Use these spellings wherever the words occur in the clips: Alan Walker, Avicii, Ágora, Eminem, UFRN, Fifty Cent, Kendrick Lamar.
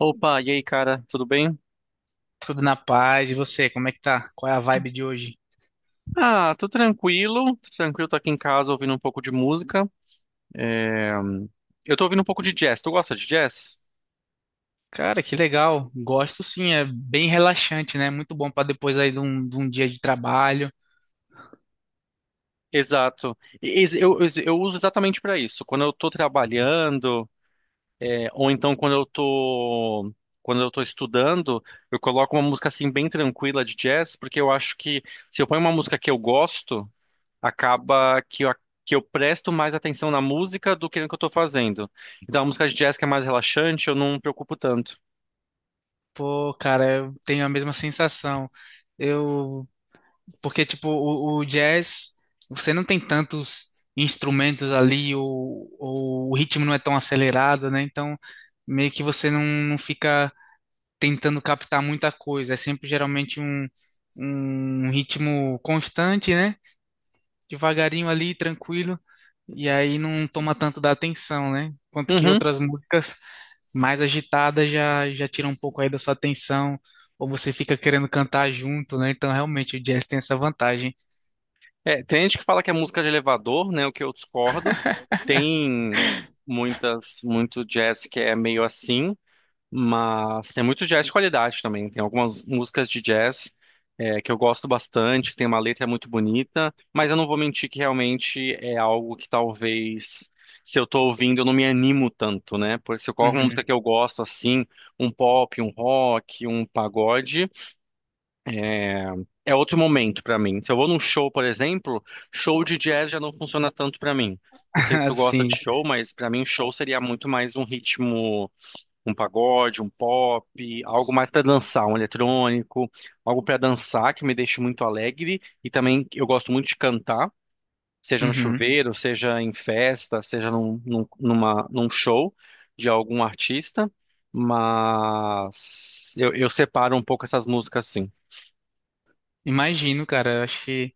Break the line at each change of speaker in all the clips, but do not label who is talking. Opa, e aí, cara, tudo bem?
Tudo na paz. E você, como é que tá? Qual é a vibe de hoje?
Tô tranquilo, tô tranquilo, tô aqui em casa ouvindo um pouco de música. É, Eu tô ouvindo um pouco de jazz, tu gosta de jazz?
Cara, que legal. Gosto sim, é bem relaxante, né? Muito bom pra depois aí de um dia de trabalho.
Exato. Eu uso exatamente pra isso. Quando eu tô trabalhando, ou então quando eu tô estudando, eu coloco uma música assim bem tranquila de jazz, porque eu acho que se eu ponho uma música que eu gosto, acaba que eu, que eu presto mais atenção na música do que no que eu tô fazendo. Então, a música de jazz que é mais relaxante, eu não me preocupo tanto.
Pô, cara, eu tenho a mesma sensação. Eu, porque tipo, o jazz, você não tem tantos instrumentos ali, ou o ritmo não é tão acelerado, né? Então, meio que você não fica tentando captar muita coisa. É sempre geralmente um, um ritmo constante, né? Devagarinho ali, tranquilo, e aí não toma tanto da atenção, né? Quanto que
Uhum.
outras músicas mais agitadas já tiram um pouco aí da sua atenção, ou você fica querendo cantar junto, né? Então, realmente, o jazz tem essa vantagem.
É, tem gente que fala que é música de elevador, né? O que eu discordo. Tem muitas, muito jazz que é meio assim. Mas tem muito jazz de qualidade também. Tem algumas músicas de jazz que eu gosto bastante, que tem uma letra muito bonita, mas eu não vou mentir que realmente é algo que talvez, se eu tô ouvindo, eu não me animo tanto, né? Por isso, qual
Uhum.
música que eu gosto, assim, um pop, um rock, um pagode, é, é outro momento pra mim. Se eu vou num show, por exemplo, show de jazz já não funciona tanto pra mim. Não sei se tu gosta de
Assim.
show, mas pra mim show seria muito mais um ritmo, um pagode, um pop, algo mais para dançar, um eletrônico, algo para dançar que me deixe muito alegre e também eu gosto muito de cantar, seja no
Uhum.
chuveiro, seja em festa, seja num, num, numa- num show de algum artista, mas eu separo um pouco essas músicas assim.
Imagino, cara. Eu acho que,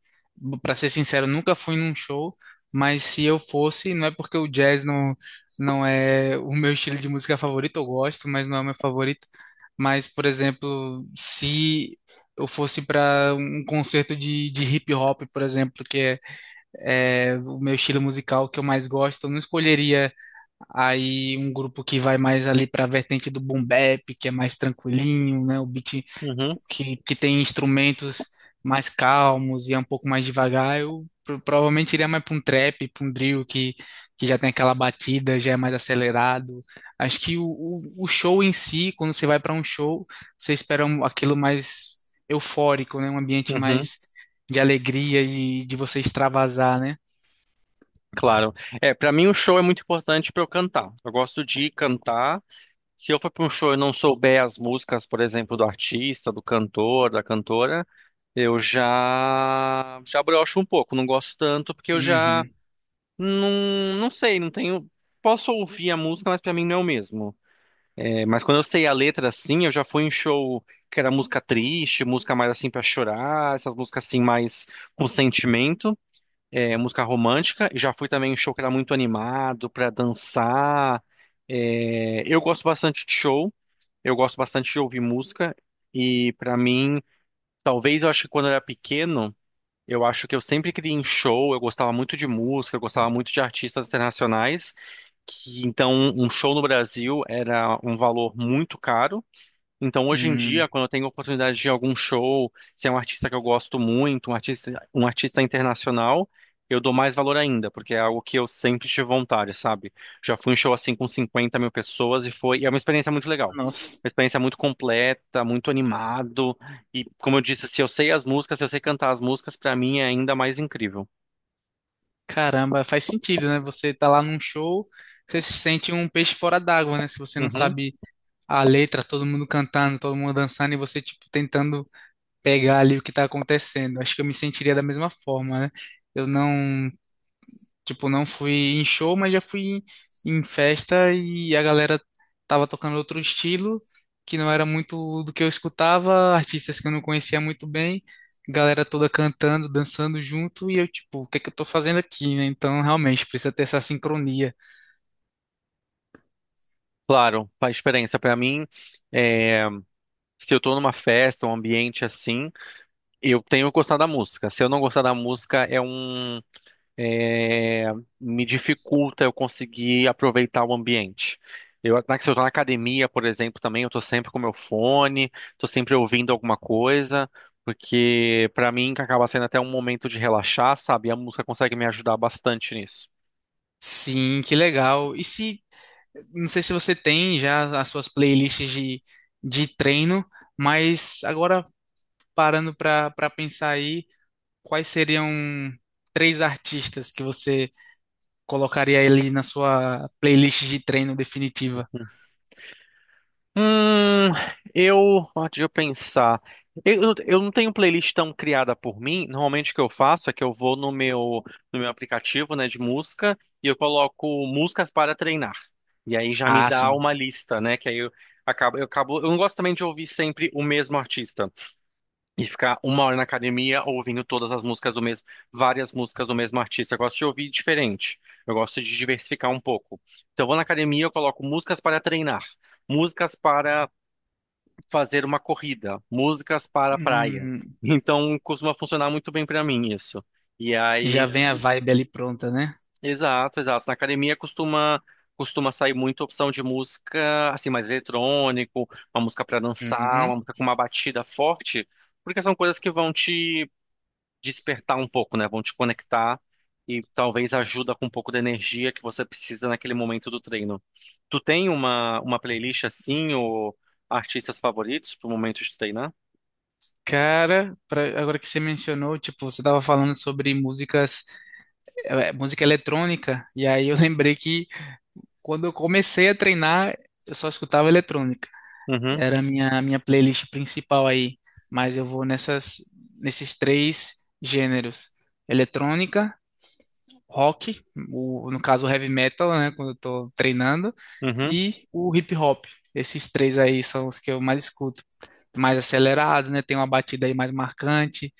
pra ser sincero, nunca fui num show, mas se eu fosse, não é porque o jazz não, não é o meu estilo de música favorito, eu gosto, mas não é o meu favorito. Mas, por exemplo, se eu fosse para um concerto de hip hop, por exemplo, que é o meu estilo musical que eu mais gosto, eu não escolheria aí um grupo que vai mais ali para a vertente do boom bap, que é mais tranquilinho, né? O beat
Uhum,
que tem instrumentos mais calmos e é um pouco mais devagar, eu provavelmente iria mais para um trap, para um que já tem aquela batida, já é mais acelerado. Acho que o show em si, quando você vai para um show, você aquilo mais eufórico, né? Um ambiente
uhum,
mais de alegria e de você extravasar, né?
claro. É, para mim o show é muito importante para eu cantar. Eu gosto de cantar. Se eu for para um show e não souber as músicas, por exemplo, do artista, do cantor, da cantora, eu já já broxo um pouco, não gosto tanto porque eu já
Uhum.
não sei, não tenho, posso ouvir a música, mas para mim não é o mesmo. É, mas quando eu sei a letra assim, eu já fui em show que era música triste, música mais assim para chorar, essas músicas assim mais com sentimento, música romântica, e já fui também em show que era muito animado para dançar. É, eu gosto bastante de show. Eu gosto bastante de ouvir música e pra mim, talvez eu acho que quando eu era pequeno, eu acho que eu sempre queria ir em show, eu gostava muito de música, eu gostava muito de artistas internacionais, que então um show no Brasil era um valor muito caro. Então, hoje em dia,
Hum.
quando eu tenho oportunidade de ir a algum show, se é um artista que eu gosto muito, um artista internacional, eu dou mais valor ainda, porque é algo que eu sempre tive vontade, sabe? Já fui em show assim com 50 mil pessoas e foi, e é uma experiência muito legal.
Nossa.
Uma experiência muito completa, muito animado. E, como eu disse, se eu sei as músicas, se eu sei cantar as músicas, pra mim é ainda mais incrível.
Caramba, faz sentido, né? Você tá lá num show, você se sente um peixe fora d'água, né? Se você não
Uhum.
sabe a letra, todo mundo cantando, todo mundo dançando e você, tipo, tentando pegar ali o que tá acontecendo. Acho que eu me sentiria da mesma forma, né? Eu não, Tipo, não fui em show, mas já fui em, em festa e a galera tava tocando outro estilo, que não era muito do que eu escutava, artistas que eu não conhecia muito bem, galera toda cantando, dançando junto e eu, tipo, o que é que eu tô fazendo aqui, né? Então, realmente, precisa ter essa sincronia.
Claro, a experiência pra mim, é, se eu tô numa festa, um ambiente assim. Eu tenho gostado da música. Se eu não gostar da música, é, me dificulta eu conseguir aproveitar o ambiente. Se eu tô na academia, por exemplo, também, eu tô sempre com meu fone, tô sempre ouvindo alguma coisa, porque pra mim acaba sendo até um momento de relaxar, sabe? E a música consegue me ajudar bastante nisso.
Sim, que legal. E se não sei se você tem já as suas playlists de treino, mas agora parando para pensar aí, quais seriam três artistas que você colocaria ali na sua playlist de treino definitiva?
Hum, eu, deixa eu pensar. Eu não tenho playlist tão criada por mim. Normalmente o que eu faço é que eu vou no meu aplicativo, né, de música e eu coloco músicas para treinar. E aí já me
Ah,
dá
sim.
uma lista, né, que aí eu acabo, eu não gosto também de ouvir sempre o mesmo artista e ficar uma hora na academia ouvindo todas as músicas do mesmo, várias músicas do mesmo artista. Eu gosto de ouvir diferente. Eu gosto de diversificar um pouco. Então eu vou na academia, eu coloco músicas para treinar, músicas para fazer uma corrida, músicas para a praia.
Hum,
Então costuma funcionar muito bem para mim isso. E
já
aí,
vem a vibe ali pronta, né?
exato, exato. Na academia costuma sair muita opção de música assim mais eletrônico, uma música para dançar,
Uhum.
uma música com uma batida forte, porque são coisas que vão te despertar um pouco, né? Vão te conectar e talvez ajuda com um pouco da energia que você precisa naquele momento do treino. Tu tem uma playlist assim ou artistas favoritos para o momento de treinar?
Cara, agora que você mencionou, tipo, você tava falando sobre músicas, música eletrônica, e aí eu lembrei que quando eu comecei a treinar, eu só escutava eletrônica.
Uhum.
Era a minha playlist principal aí, mas eu vou nesses três gêneros: eletrônica, rock, no caso o heavy metal, né, quando eu tô treinando,
Uhum,
e o hip hop. Esses três aí são os que eu mais escuto. Mais acelerado, né? Tem uma batida aí mais marcante,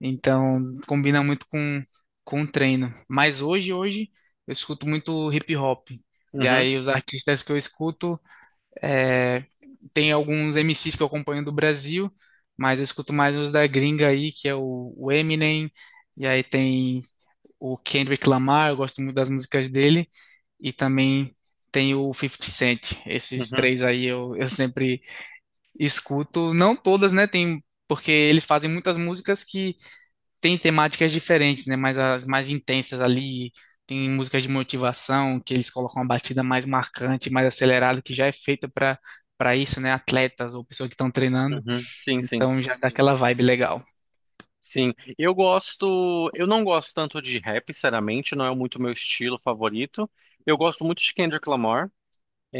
então combina muito com o treino. Mas hoje, eu escuto muito hip hop. E
uhum,
aí os artistas que eu escuto. É, tem alguns MCs que eu acompanho do Brasil, mas eu escuto mais os da gringa aí, que é o Eminem, e aí tem o Kendrick Lamar, eu gosto muito das músicas dele, e também tem o Fifty Cent. Esses
uhum,
três aí eu sempre escuto, não todas, né? Tem, porque eles fazem muitas músicas que tem temáticas diferentes, né? Mas as mais intensas ali, tem músicas de motivação, que eles colocam uma batida mais marcante, mais acelerada, que já é feita para isso, né? Atletas ou pessoas que estão treinando.
uhum. Sim, sim.
Então já dá aquela vibe legal.
Sim, eu gosto, eu não gosto tanto de rap, sinceramente, não é muito meu estilo favorito. Eu gosto muito de Kendrick Lamar.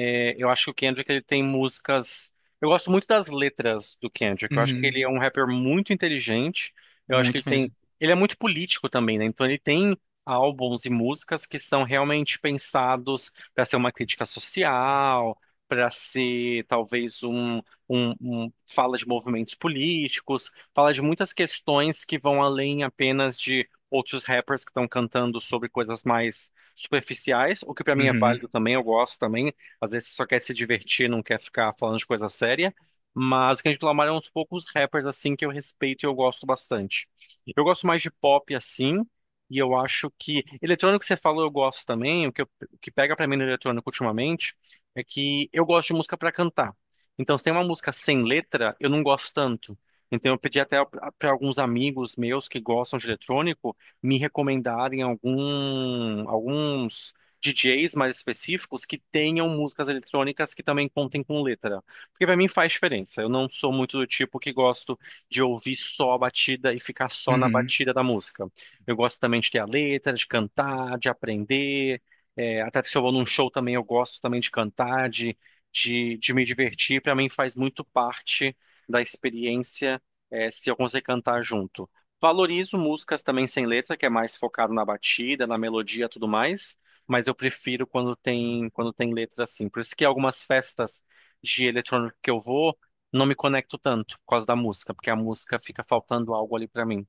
Eu acho que o Kendrick ele tem músicas. Eu gosto muito das letras do Kendrick. Eu acho que
Uhum,
ele é um rapper muito inteligente. Eu acho que
muito
ele tem.
mesmo.
Ele é muito político também, né? Então ele tem álbuns e músicas que são realmente pensados para ser uma crítica social, para ser talvez um fala de movimentos políticos, fala de muitas questões que vão além apenas de outros rappers que estão cantando sobre coisas mais superficiais, o que pra mim é
Uhum,
válido também, eu gosto também. Às vezes você só quer se divertir, não quer ficar falando de coisa séria. Mas o Kendrick Lamar é um dos poucos rappers assim que eu respeito e eu gosto bastante. Eu gosto mais de pop assim, e eu acho que eletrônico que você falou eu gosto também. O que pega pra mim no eletrônico ultimamente é que eu gosto de música pra cantar. Então, se tem uma música sem letra, eu não gosto tanto. Então, eu pedi até para alguns amigos meus que gostam de eletrônico me recomendarem alguns DJs mais específicos que tenham músicas eletrônicas que também contem com letra. Porque pra mim faz diferença. Eu não sou muito do tipo que gosto de ouvir só a batida e ficar só na
uhum.
batida da música. Eu gosto também de ter a letra, de cantar, de aprender. É, até se eu vou num show também, eu gosto também de cantar, de me divertir. Pra mim faz muito parte da experiência, se eu conseguir cantar junto. Valorizo músicas também sem letra, que é mais focado na batida, na melodia e tudo mais, mas eu prefiro quando tem letra assim. Por isso que algumas festas de eletrônico que eu vou, não me conecto tanto por causa da música, porque a música fica faltando algo ali pra mim.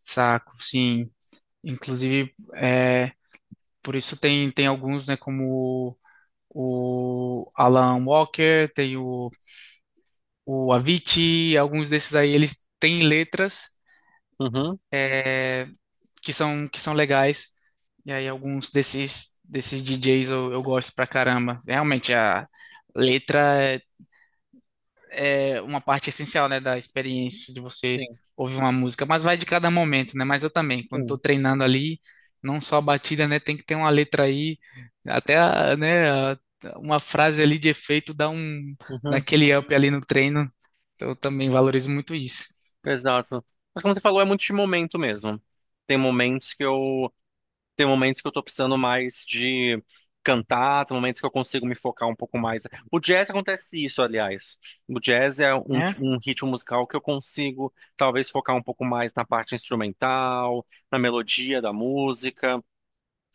Saco, sim. Inclusive, por isso tem alguns, né, como o Alan Walker, tem o Avicii, alguns desses aí, eles têm letras.
Uhum,
É, que que são legais. E aí alguns desses DJs eu gosto pra caramba. Realmente, a letra é, é uma parte essencial, né, da experiência de você
sim,
ouvir uma música, mas vai de cada momento, né? Mas eu também, quando tô
sim.
treinando ali, não só a batida, né, tem que ter uma letra aí, até, a- né, a- uma frase ali de efeito dá um,
Uhum,
naquele up ali no treino. Então eu também valorizo muito isso,
exato. Mas como você falou, é muito de momento mesmo. Tem momentos que eu Tem momentos que eu tô precisando mais de cantar, tem momentos que eu consigo me focar um pouco mais. O jazz acontece isso, aliás. O jazz é
né?
um ritmo musical que eu consigo talvez focar um pouco mais na parte instrumental, na melodia da música,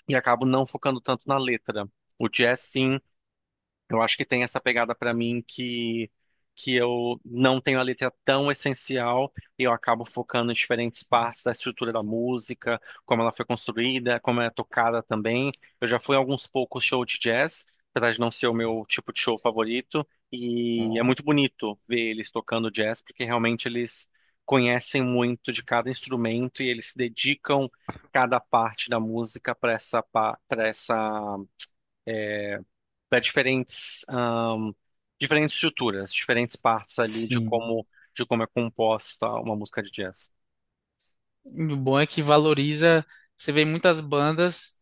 e acabo não focando tanto na letra. O jazz, sim, eu acho que tem essa pegada pra mim que eu não tenho a letra tão essencial e eu acabo focando em diferentes partes da estrutura da música, como ela foi construída, como ela é tocada também. Eu já fui a alguns poucos shows de jazz, apesar de não ser o meu tipo de show favorito, e é
Ó,
muito bonito ver eles tocando jazz, porque realmente eles conhecem muito de cada instrumento e eles se dedicam cada parte da música para essa para diferentes diferentes estruturas, diferentes partes ali de
sim.
como é composta uma música de jazz.
E o bom é que valoriza, você vê em muitas bandas,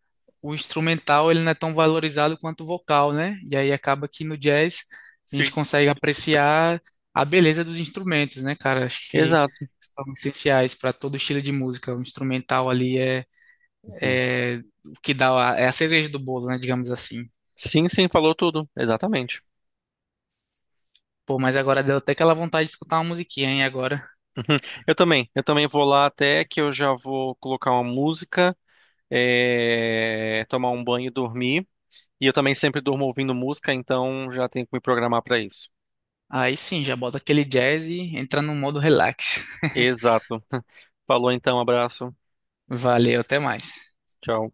o instrumental ele não é tão valorizado quanto o vocal, né? E aí acaba que no jazz a gente
Sim.
consegue apreciar a beleza dos instrumentos, né, cara? Acho que
Exato.
são essenciais para todo estilo de música. O instrumental ali
Uhum.
é o que dá, é a cereja do bolo, né, digamos assim.
Sim, sim, falou tudo, exatamente.
Pô, mas agora deu até aquela vontade de escutar uma musiquinha, hein, agora.
Eu também vou lá até que eu já vou colocar uma música, tomar um banho e dormir. E eu também sempre durmo ouvindo música, então já tenho que me programar para isso.
Aí sim, já bota aquele jazz e entra no modo relax.
Exato. Falou então, abraço.
Valeu, até mais.
Tchau.